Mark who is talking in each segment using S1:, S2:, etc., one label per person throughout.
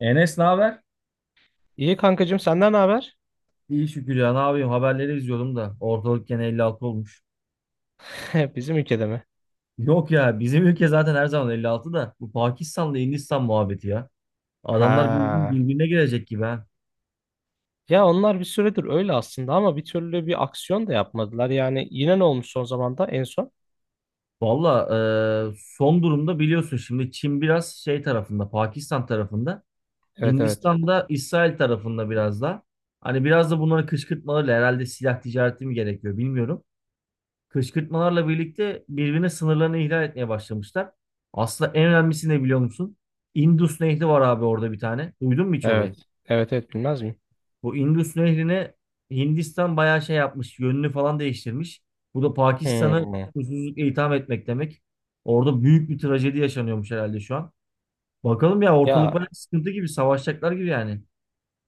S1: Enes ne haber?
S2: İyi kankacığım senden ne haber?
S1: İyi şükür ya, ne yapayım, haberleri izliyordum da ortalık gene 56 olmuş.
S2: Bizim ülkede mi?
S1: Yok ya, bizim ülke zaten her zaman 56 da bu Pakistan'la Hindistan muhabbeti ya. Adamlar
S2: Ha.
S1: birbirine girecek gibi ha.
S2: Ya onlar bir süredir öyle aslında, ama bir türlü bir aksiyon da yapmadılar. Yani yine ne olmuş son zamanda en son?
S1: Valla, son durumda biliyorsun şimdi Çin biraz şey tarafında, Pakistan tarafında,
S2: Evet, evet.
S1: Hindistan da İsrail tarafında biraz da. Hani biraz da bunları kışkırtmalarıyla, herhalde silah ticareti mi gerekiyor bilmiyorum, kışkırtmalarla birlikte birbirine sınırlarını ihlal etmeye başlamışlar. Aslında en önemlisi ne biliyor musun? Indus Nehri var abi orada bir tane. Duydun mu hiç orayı?
S2: Evet. Evet, evet, bilmez miyim?
S1: Bu Indus Nehri'ne Hindistan bayağı şey yapmış. Yönünü falan değiştirmiş. Bu da Pakistan'ı
S2: Hmm.
S1: susuzlukla itham etmek demek. Orada büyük bir trajedi yaşanıyormuş herhalde şu an. Bakalım ya, ortalık bayağı
S2: Ya
S1: sıkıntı gibi. Savaşacaklar gibi yani.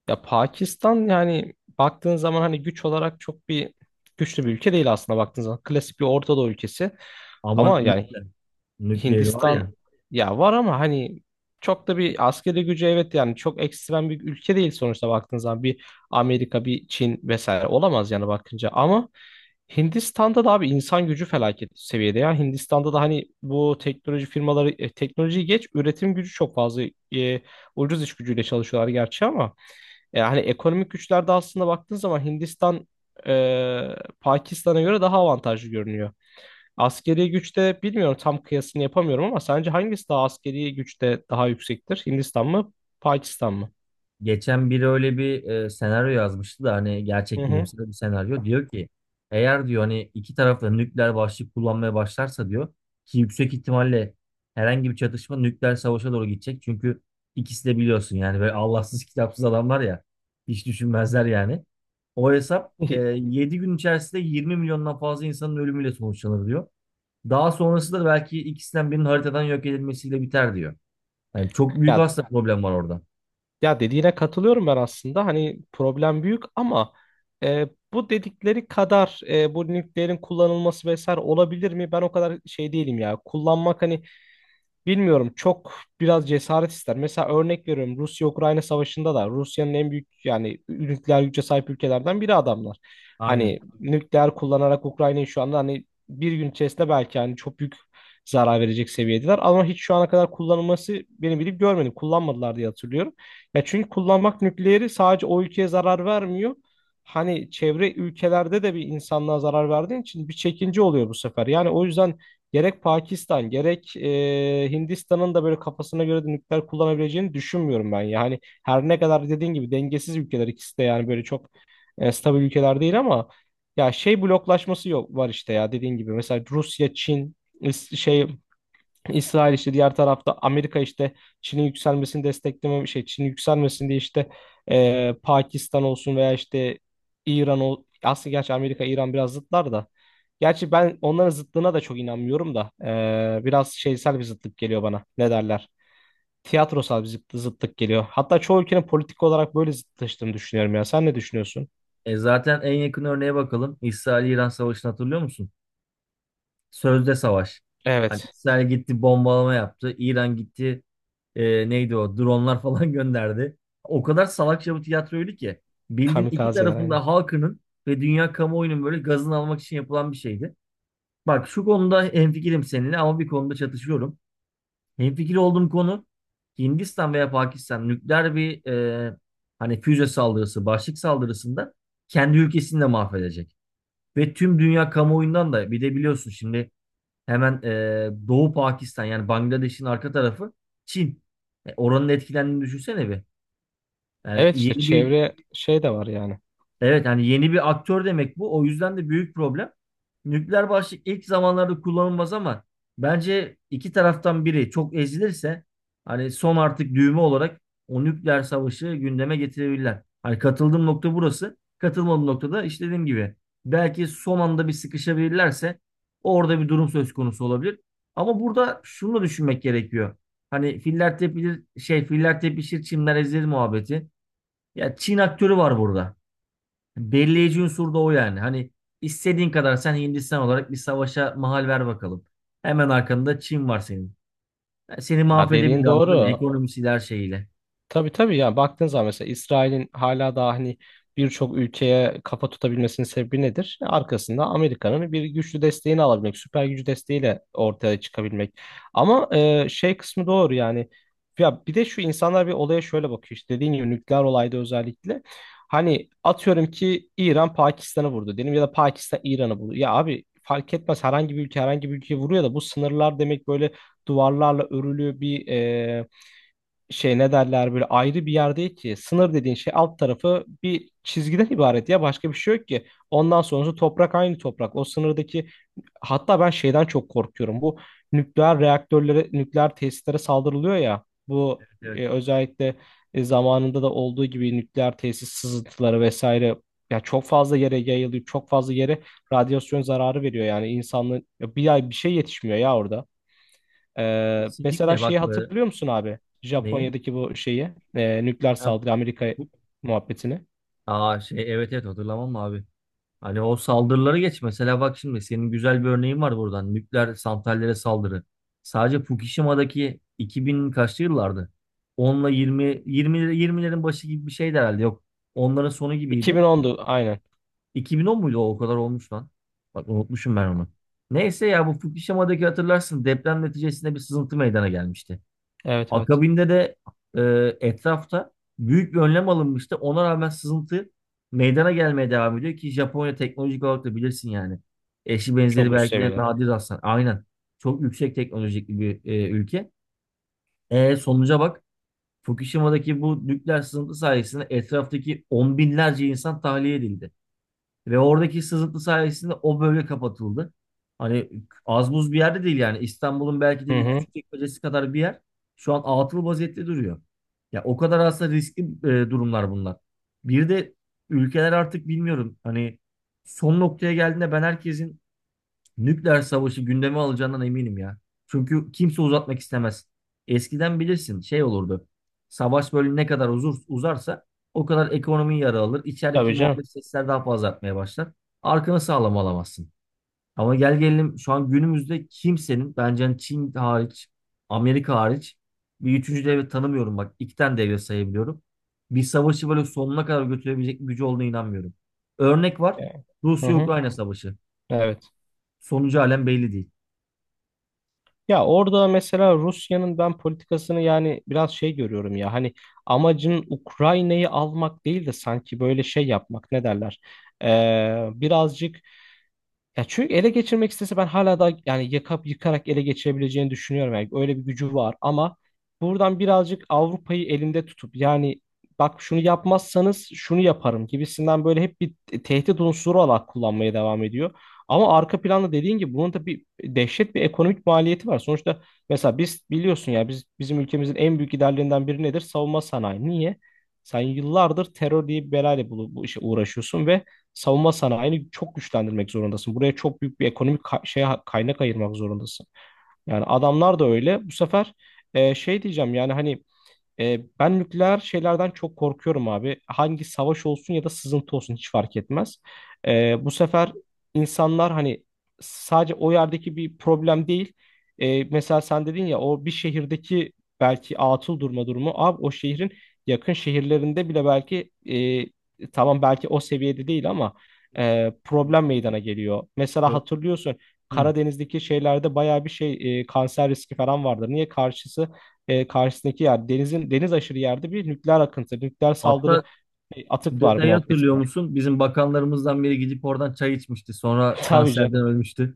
S2: ya Pakistan, yani baktığın zaman hani güç olarak çok bir güçlü bir ülke değil aslında, baktığın zaman. Klasik bir Orta Doğu ülkesi.
S1: Ama
S2: Ama yani
S1: nükleeri var
S2: Hindistan,
S1: ya.
S2: ya var ama hani çok da bir askeri gücü, evet yani çok ekstrem bir ülke değil sonuçta baktığın zaman. Bir Amerika, bir Çin vesaire olamaz yani bakınca. Ama Hindistan'da da abi insan gücü felaket seviyede ya. Hindistan'da da hani bu teknoloji firmaları, teknolojiyi geç, üretim gücü çok fazla, e, ucuz iş gücüyle çalışıyorlar gerçi, ama yani ekonomik güçlerde aslında baktığın zaman Hindistan, e, Pakistan'a göre daha avantajlı görünüyor. Askeri güçte bilmiyorum, tam kıyasını yapamıyorum, ama sence hangisi daha askeri güçte daha yüksektir? Hindistan mı, Pakistan mı?
S1: Geçen biri öyle bir senaryo yazmıştı da, hani
S2: Hı
S1: gerçek
S2: hı.
S1: bilimsel bir senaryo. Diyor ki eğer, diyor, hani iki taraf da nükleer başlık kullanmaya başlarsa, diyor ki yüksek ihtimalle herhangi bir çatışma nükleer savaşa doğru gidecek. Çünkü ikisi de biliyorsun yani, böyle Allahsız kitapsız adamlar ya, hiç düşünmezler yani. O hesap 7 gün içerisinde 20 milyondan fazla insanın ölümüyle sonuçlanır diyor. Daha sonrası da belki ikisinden birinin haritadan yok edilmesiyle biter diyor. Yani çok büyük
S2: Ya
S1: aslında problem var orada.
S2: ya dediğine katılıyorum ben aslında. Hani problem büyük ama e, bu dedikleri kadar, bu nükleerin kullanılması vesaire olabilir mi? Ben o kadar şey değilim ya. Kullanmak hani, bilmiyorum, çok biraz cesaret ister. Mesela örnek veriyorum, Rusya-Ukrayna savaşında da Rusya'nın, en büyük yani nükleer güce sahip ülkelerden biri adamlar.
S1: Aynen.
S2: Hani nükleer kullanarak Ukrayna'yı şu anda hani bir gün içerisinde belki hani çok büyük zarar verecek seviyedeler. Ama hiç şu ana kadar kullanılması, benim bilip görmedim. Kullanmadılar diye hatırlıyorum. Ya çünkü kullanmak nükleeri, sadece o ülkeye zarar vermiyor. Hani çevre ülkelerde de, bir insanlığa zarar verdiğin için bir çekince oluyor bu sefer. Yani o yüzden gerek Pakistan gerek Hindistan'ın da böyle kafasına göre de nükleer kullanabileceğini düşünmüyorum ben. Yani her ne kadar dediğin gibi dengesiz ülkeler ikisi de, yani böyle çok stabil ülkeler değil, ama ya şey bloklaşması yok var işte, ya dediğin gibi. Mesela Rusya, Çin, is- şey İsrail işte diğer tarafta, Amerika işte Çin'in yükselmesini destekleme, şey, Çin yükselmesin diye işte Pakistan olsun veya işte İran ol. Aslında gerçi Amerika İran biraz zıtlar da, gerçi ben onların zıtlığına da çok inanmıyorum da biraz şeysel bir zıtlık geliyor bana, ne derler, tiyatrosal bir zıtlık geliyor. Hatta çoğu ülkenin politik olarak böyle zıtlaştığını düşünüyorum, ya sen ne düşünüyorsun?
S1: E zaten en yakın örneğe bakalım. İsrail-İran savaşını hatırlıyor musun? Sözde savaş. Hani
S2: Evet.
S1: İsrail gitti bombalama yaptı. İran gitti, neydi o? Dronlar falan gönderdi. O kadar salakça bir tiyatroydu ki. Bildiğin iki
S2: Kamikazeler, aynen.
S1: tarafında halkının ve dünya kamuoyunun böyle gazını almak için yapılan bir şeydi. Bak şu konuda hemfikirim seninle, ama bir konuda çatışıyorum. Hemfikir olduğum konu, Hindistan veya Pakistan nükleer bir hani füze saldırısı, başlık saldırısında kendi ülkesini de mahvedecek. Ve tüm dünya kamuoyundan da, bir de biliyorsun şimdi, hemen Doğu Pakistan, yani Bangladeş'in arka tarafı Çin. Oranın etkilendiğini düşünsene bir. Yani
S2: Evet, işte
S1: yeni bir.
S2: çevre şey de var yani.
S1: Evet, hani yeni bir aktör demek bu. O yüzden de büyük problem. Nükleer başlık ilk zamanlarda kullanılmaz, ama bence iki taraftan biri çok ezilirse, hani son artık düğme olarak, o nükleer savaşı gündeme getirebilirler. Hani katıldığım nokta burası. Katılmadığım noktada işte dediğim gibi, belki son anda bir sıkışabilirlerse orada bir durum söz konusu olabilir. Ama burada şunu da düşünmek gerekiyor. Hani filler tepilir, şey, filler tepişir çimler ezilir muhabbeti. Ya, Çin aktörü var burada. Belirleyici unsur da o yani. Hani istediğin kadar sen Hindistan olarak bir savaşa mahal ver bakalım. Hemen arkanda Çin var senin. Yani seni
S2: Ya
S1: mahvedebilir,
S2: dediğin
S1: anladın mı?
S2: doğru.
S1: Ekonomisiyle, her şeyiyle.
S2: Tabii, tabii. Yani baktığın zaman mesela İsrail'in hala daha hani birçok ülkeye kafa tutabilmesinin sebebi nedir? Arkasında Amerika'nın bir güçlü desteğini alabilmek, süper gücü desteğiyle ortaya çıkabilmek. Ama şey kısmı doğru yani. Ya bir de şu, insanlar bir olaya şöyle bakıyor işte, dediğin gibi nükleer olayda özellikle. Hani atıyorum ki İran Pakistan'ı vurdu diyelim, ya da Pakistan İran'ı vurdu. Ya abi fark etmez, herhangi bir ülke herhangi bir ülkeye vuruyor da, bu sınırlar demek böyle duvarlarla örülü bir şey, ne derler, böyle ayrı bir yer değil ki. Sınır dediğin şey alt tarafı bir çizgiden ibaret ya, başka bir şey yok ki. Ondan sonrası toprak, aynı toprak. O sınırdaki, hatta ben şeyden çok korkuyorum. Bu nükleer reaktörlere, nükleer tesislere saldırılıyor ya. Bu
S1: Evet.
S2: özellikle zamanında da olduğu gibi nükleer tesis sızıntıları vesaire, ya çok fazla yere yayılıyor. Çok fazla yere radyasyon zararı veriyor yani insanlığın, ya bir ay bir şey yetişmiyor ya orada. Mesela
S1: Kesinlikle, bak
S2: şeyi hatırlıyor musun abi?
S1: neyi?
S2: Japonya'daki bu şeyi, nükleer
S1: Ha,
S2: saldırı Amerika
S1: bu-
S2: muhabbetini.
S1: Aa şey, evet, evet, hatırlamam mı abi. Hani o saldırıları geç, mesela bak şimdi senin güzel bir örneğin var buradan. Nükleer santrallere saldırı. Sadece Fukushima'daki 2000 kaçlı yıllardı? Onla 20'lerin başı gibi bir şeydi herhalde. Yok, onların sonu gibiydi.
S2: 2010'du aynen.
S1: 2010 muydu o? O kadar olmuş lan. Bak unutmuşum ben onu. Neyse ya, bu Fukushima'daki, hatırlarsın, deprem neticesinde bir sızıntı meydana gelmişti.
S2: Evet, evet.
S1: Akabinde de etrafta büyük bir önlem alınmıştı. Ona rağmen sızıntı meydana gelmeye devam ediyor, ki Japonya teknolojik olarak da bilirsin yani. Eşi benzeri
S2: Çok üst
S1: belki de
S2: seviyeler.
S1: nadir rastlanan. Aynen. Çok yüksek teknolojik bir ülke. Sonuca bak. Fukushima'daki bu nükleer sızıntı sayesinde etraftaki on binlerce insan tahliye edildi. Ve oradaki sızıntı sayesinde o bölge kapatıldı. Hani az buz bir yerde değil yani. İstanbul'un belki
S2: Hı
S1: de bir
S2: hı.
S1: küçük çekmecesi kadar bir yer. Şu an atıl vaziyette duruyor. Ya, o kadar aslında riskli durumlar bunlar. Bir de ülkeler artık bilmiyorum, hani son noktaya geldiğinde ben herkesin nükleer savaşı gündeme alacağından eminim ya. Çünkü kimse uzatmak istemez. Eskiden bilirsin şey olurdu. Savaş böyle ne kadar uzarsa o kadar ekonomi yara alır. İçerideki
S2: Tabii canım.
S1: muhalif sesler daha fazla artmaya başlar. Arkanı sağlam alamazsın. Ama gel gelelim, şu an günümüzde kimsenin, bence, hani Çin hariç, Amerika hariç, bir üçüncü devlet tanımıyorum bak. İki tane devlet sayabiliyorum. Bir savaşı böyle sonuna kadar götürebilecek bir gücü olduğuna inanmıyorum. Örnek var.
S2: Yani. Hı hı.
S1: Rusya-Ukrayna savaşı.
S2: Evet.
S1: Sonucu halen belli değil.
S2: Ya orada mesela Rusya'nın ben politikasını yani biraz şey görüyorum ya, hani amacın Ukrayna'yı almak değil de sanki böyle şey yapmak, ne derler? Birazcık, ya çünkü ele geçirmek istese ben hala da yani yakıp yıkarak ele geçirebileceğini düşünüyorum. Yani öyle bir gücü var, ama buradan birazcık Avrupa'yı elinde tutup yani, bak şunu yapmazsanız şunu yaparım gibisinden böyle hep bir tehdit unsuru olarak kullanmaya devam ediyor. Ama arka planda dediğin gibi bunun da bir dehşet bir ekonomik maliyeti var. Sonuçta mesela biz, biliyorsun ya, biz bizim ülkemizin en büyük giderlerinden biri nedir? Savunma sanayi. Niye? Sen yıllardır terör diye bir belayla bu işe uğraşıyorsun ve savunma sanayini çok güçlendirmek zorundasın. Buraya çok büyük bir ekonomik kaynak ayırmak zorundasın. Yani adamlar da öyle. Bu sefer şey diyeceğim yani hani, ben nükleer şeylerden çok korkuyorum abi. Hangi savaş olsun ya da sızıntı olsun hiç fark etmez. Bu sefer insanlar hani, sadece o yerdeki bir problem değil. Mesela sen dedin ya, o bir şehirdeki belki atıl durma durumu. Abi o şehrin yakın şehirlerinde bile belki tamam belki o seviyede değil, ama
S1: Kesinlikle,
S2: problem
S1: kesinlikle.
S2: meydana geliyor. Mesela
S1: Ö-
S2: hatırlıyorsun,
S1: Hı.
S2: Karadeniz'deki şeylerde bayağı bir şey, kanser riski falan vardı. Niye karşısı? Karşısındaki yer, denizin deniz aşırı yerde bir nükleer akıntı, nükleer saldırı
S1: Hatta
S2: atık var
S1: detayı hatırlıyor
S2: muhabbetinde.
S1: musun? Bizim bakanlarımızdan biri gidip oradan çay içmişti. Sonra
S2: Tabii
S1: kanserden
S2: canım.
S1: ölmüştü.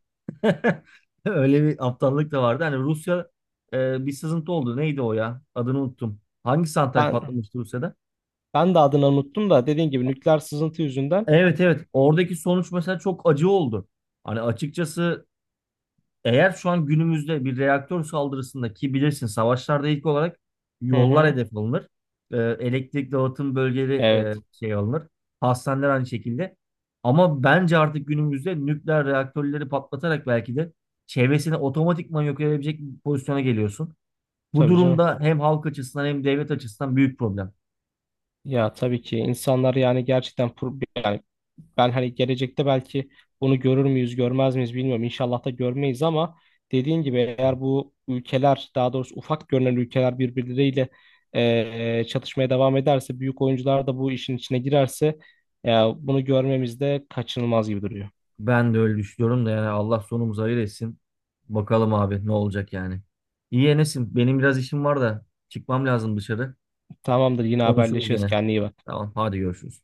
S1: Öyle bir aptallık da vardı. Hani Rusya bir sızıntı oldu. Neydi o ya? Adını unuttum. Hangi santral
S2: Ben,
S1: patlamıştı Rusya'da?
S2: ben de adını unuttum da, dediğin gibi nükleer sızıntı yüzünden.
S1: Evet, evet. Oradaki sonuç mesela çok acı oldu. Hani açıkçası, eğer şu an günümüzde bir reaktör saldırısında, ki bilirsin savaşlarda ilk olarak
S2: Hı
S1: yollar
S2: hı.
S1: hedef alınır. Elektrik dağıtım bölgeleri,
S2: Evet,
S1: şey alınır. Hastaneler aynı şekilde. Ama bence artık günümüzde nükleer reaktörleri patlatarak belki de çevresini otomatikman yok edebilecek bir pozisyona geliyorsun. Bu
S2: tabii canım.
S1: durumda hem halk açısından hem devlet açısından büyük problem.
S2: Ya tabii ki insanlar yani gerçekten yani, ben hani gelecekte belki bunu görür müyüz, görmez miyiz bilmiyorum. İnşallah da görmeyiz ama dediğin gibi eğer bu ülkeler, daha doğrusu ufak görünen ülkeler birbirleriyle çatışmaya devam ederse, büyük oyuncular da bu işin içine girerse, e, bunu görmemiz de kaçınılmaz gibi duruyor.
S1: Ben de öyle düşünüyorum da, yani Allah sonumuzu hayır etsin. Bakalım abi ne olacak yani. İyi Enes'im, benim biraz işim var da çıkmam lazım dışarı.
S2: Tamamdır, yine
S1: Konuşuruz
S2: haberleşiriz.
S1: gene.
S2: Kendine iyi bak.
S1: Tamam, hadi görüşürüz.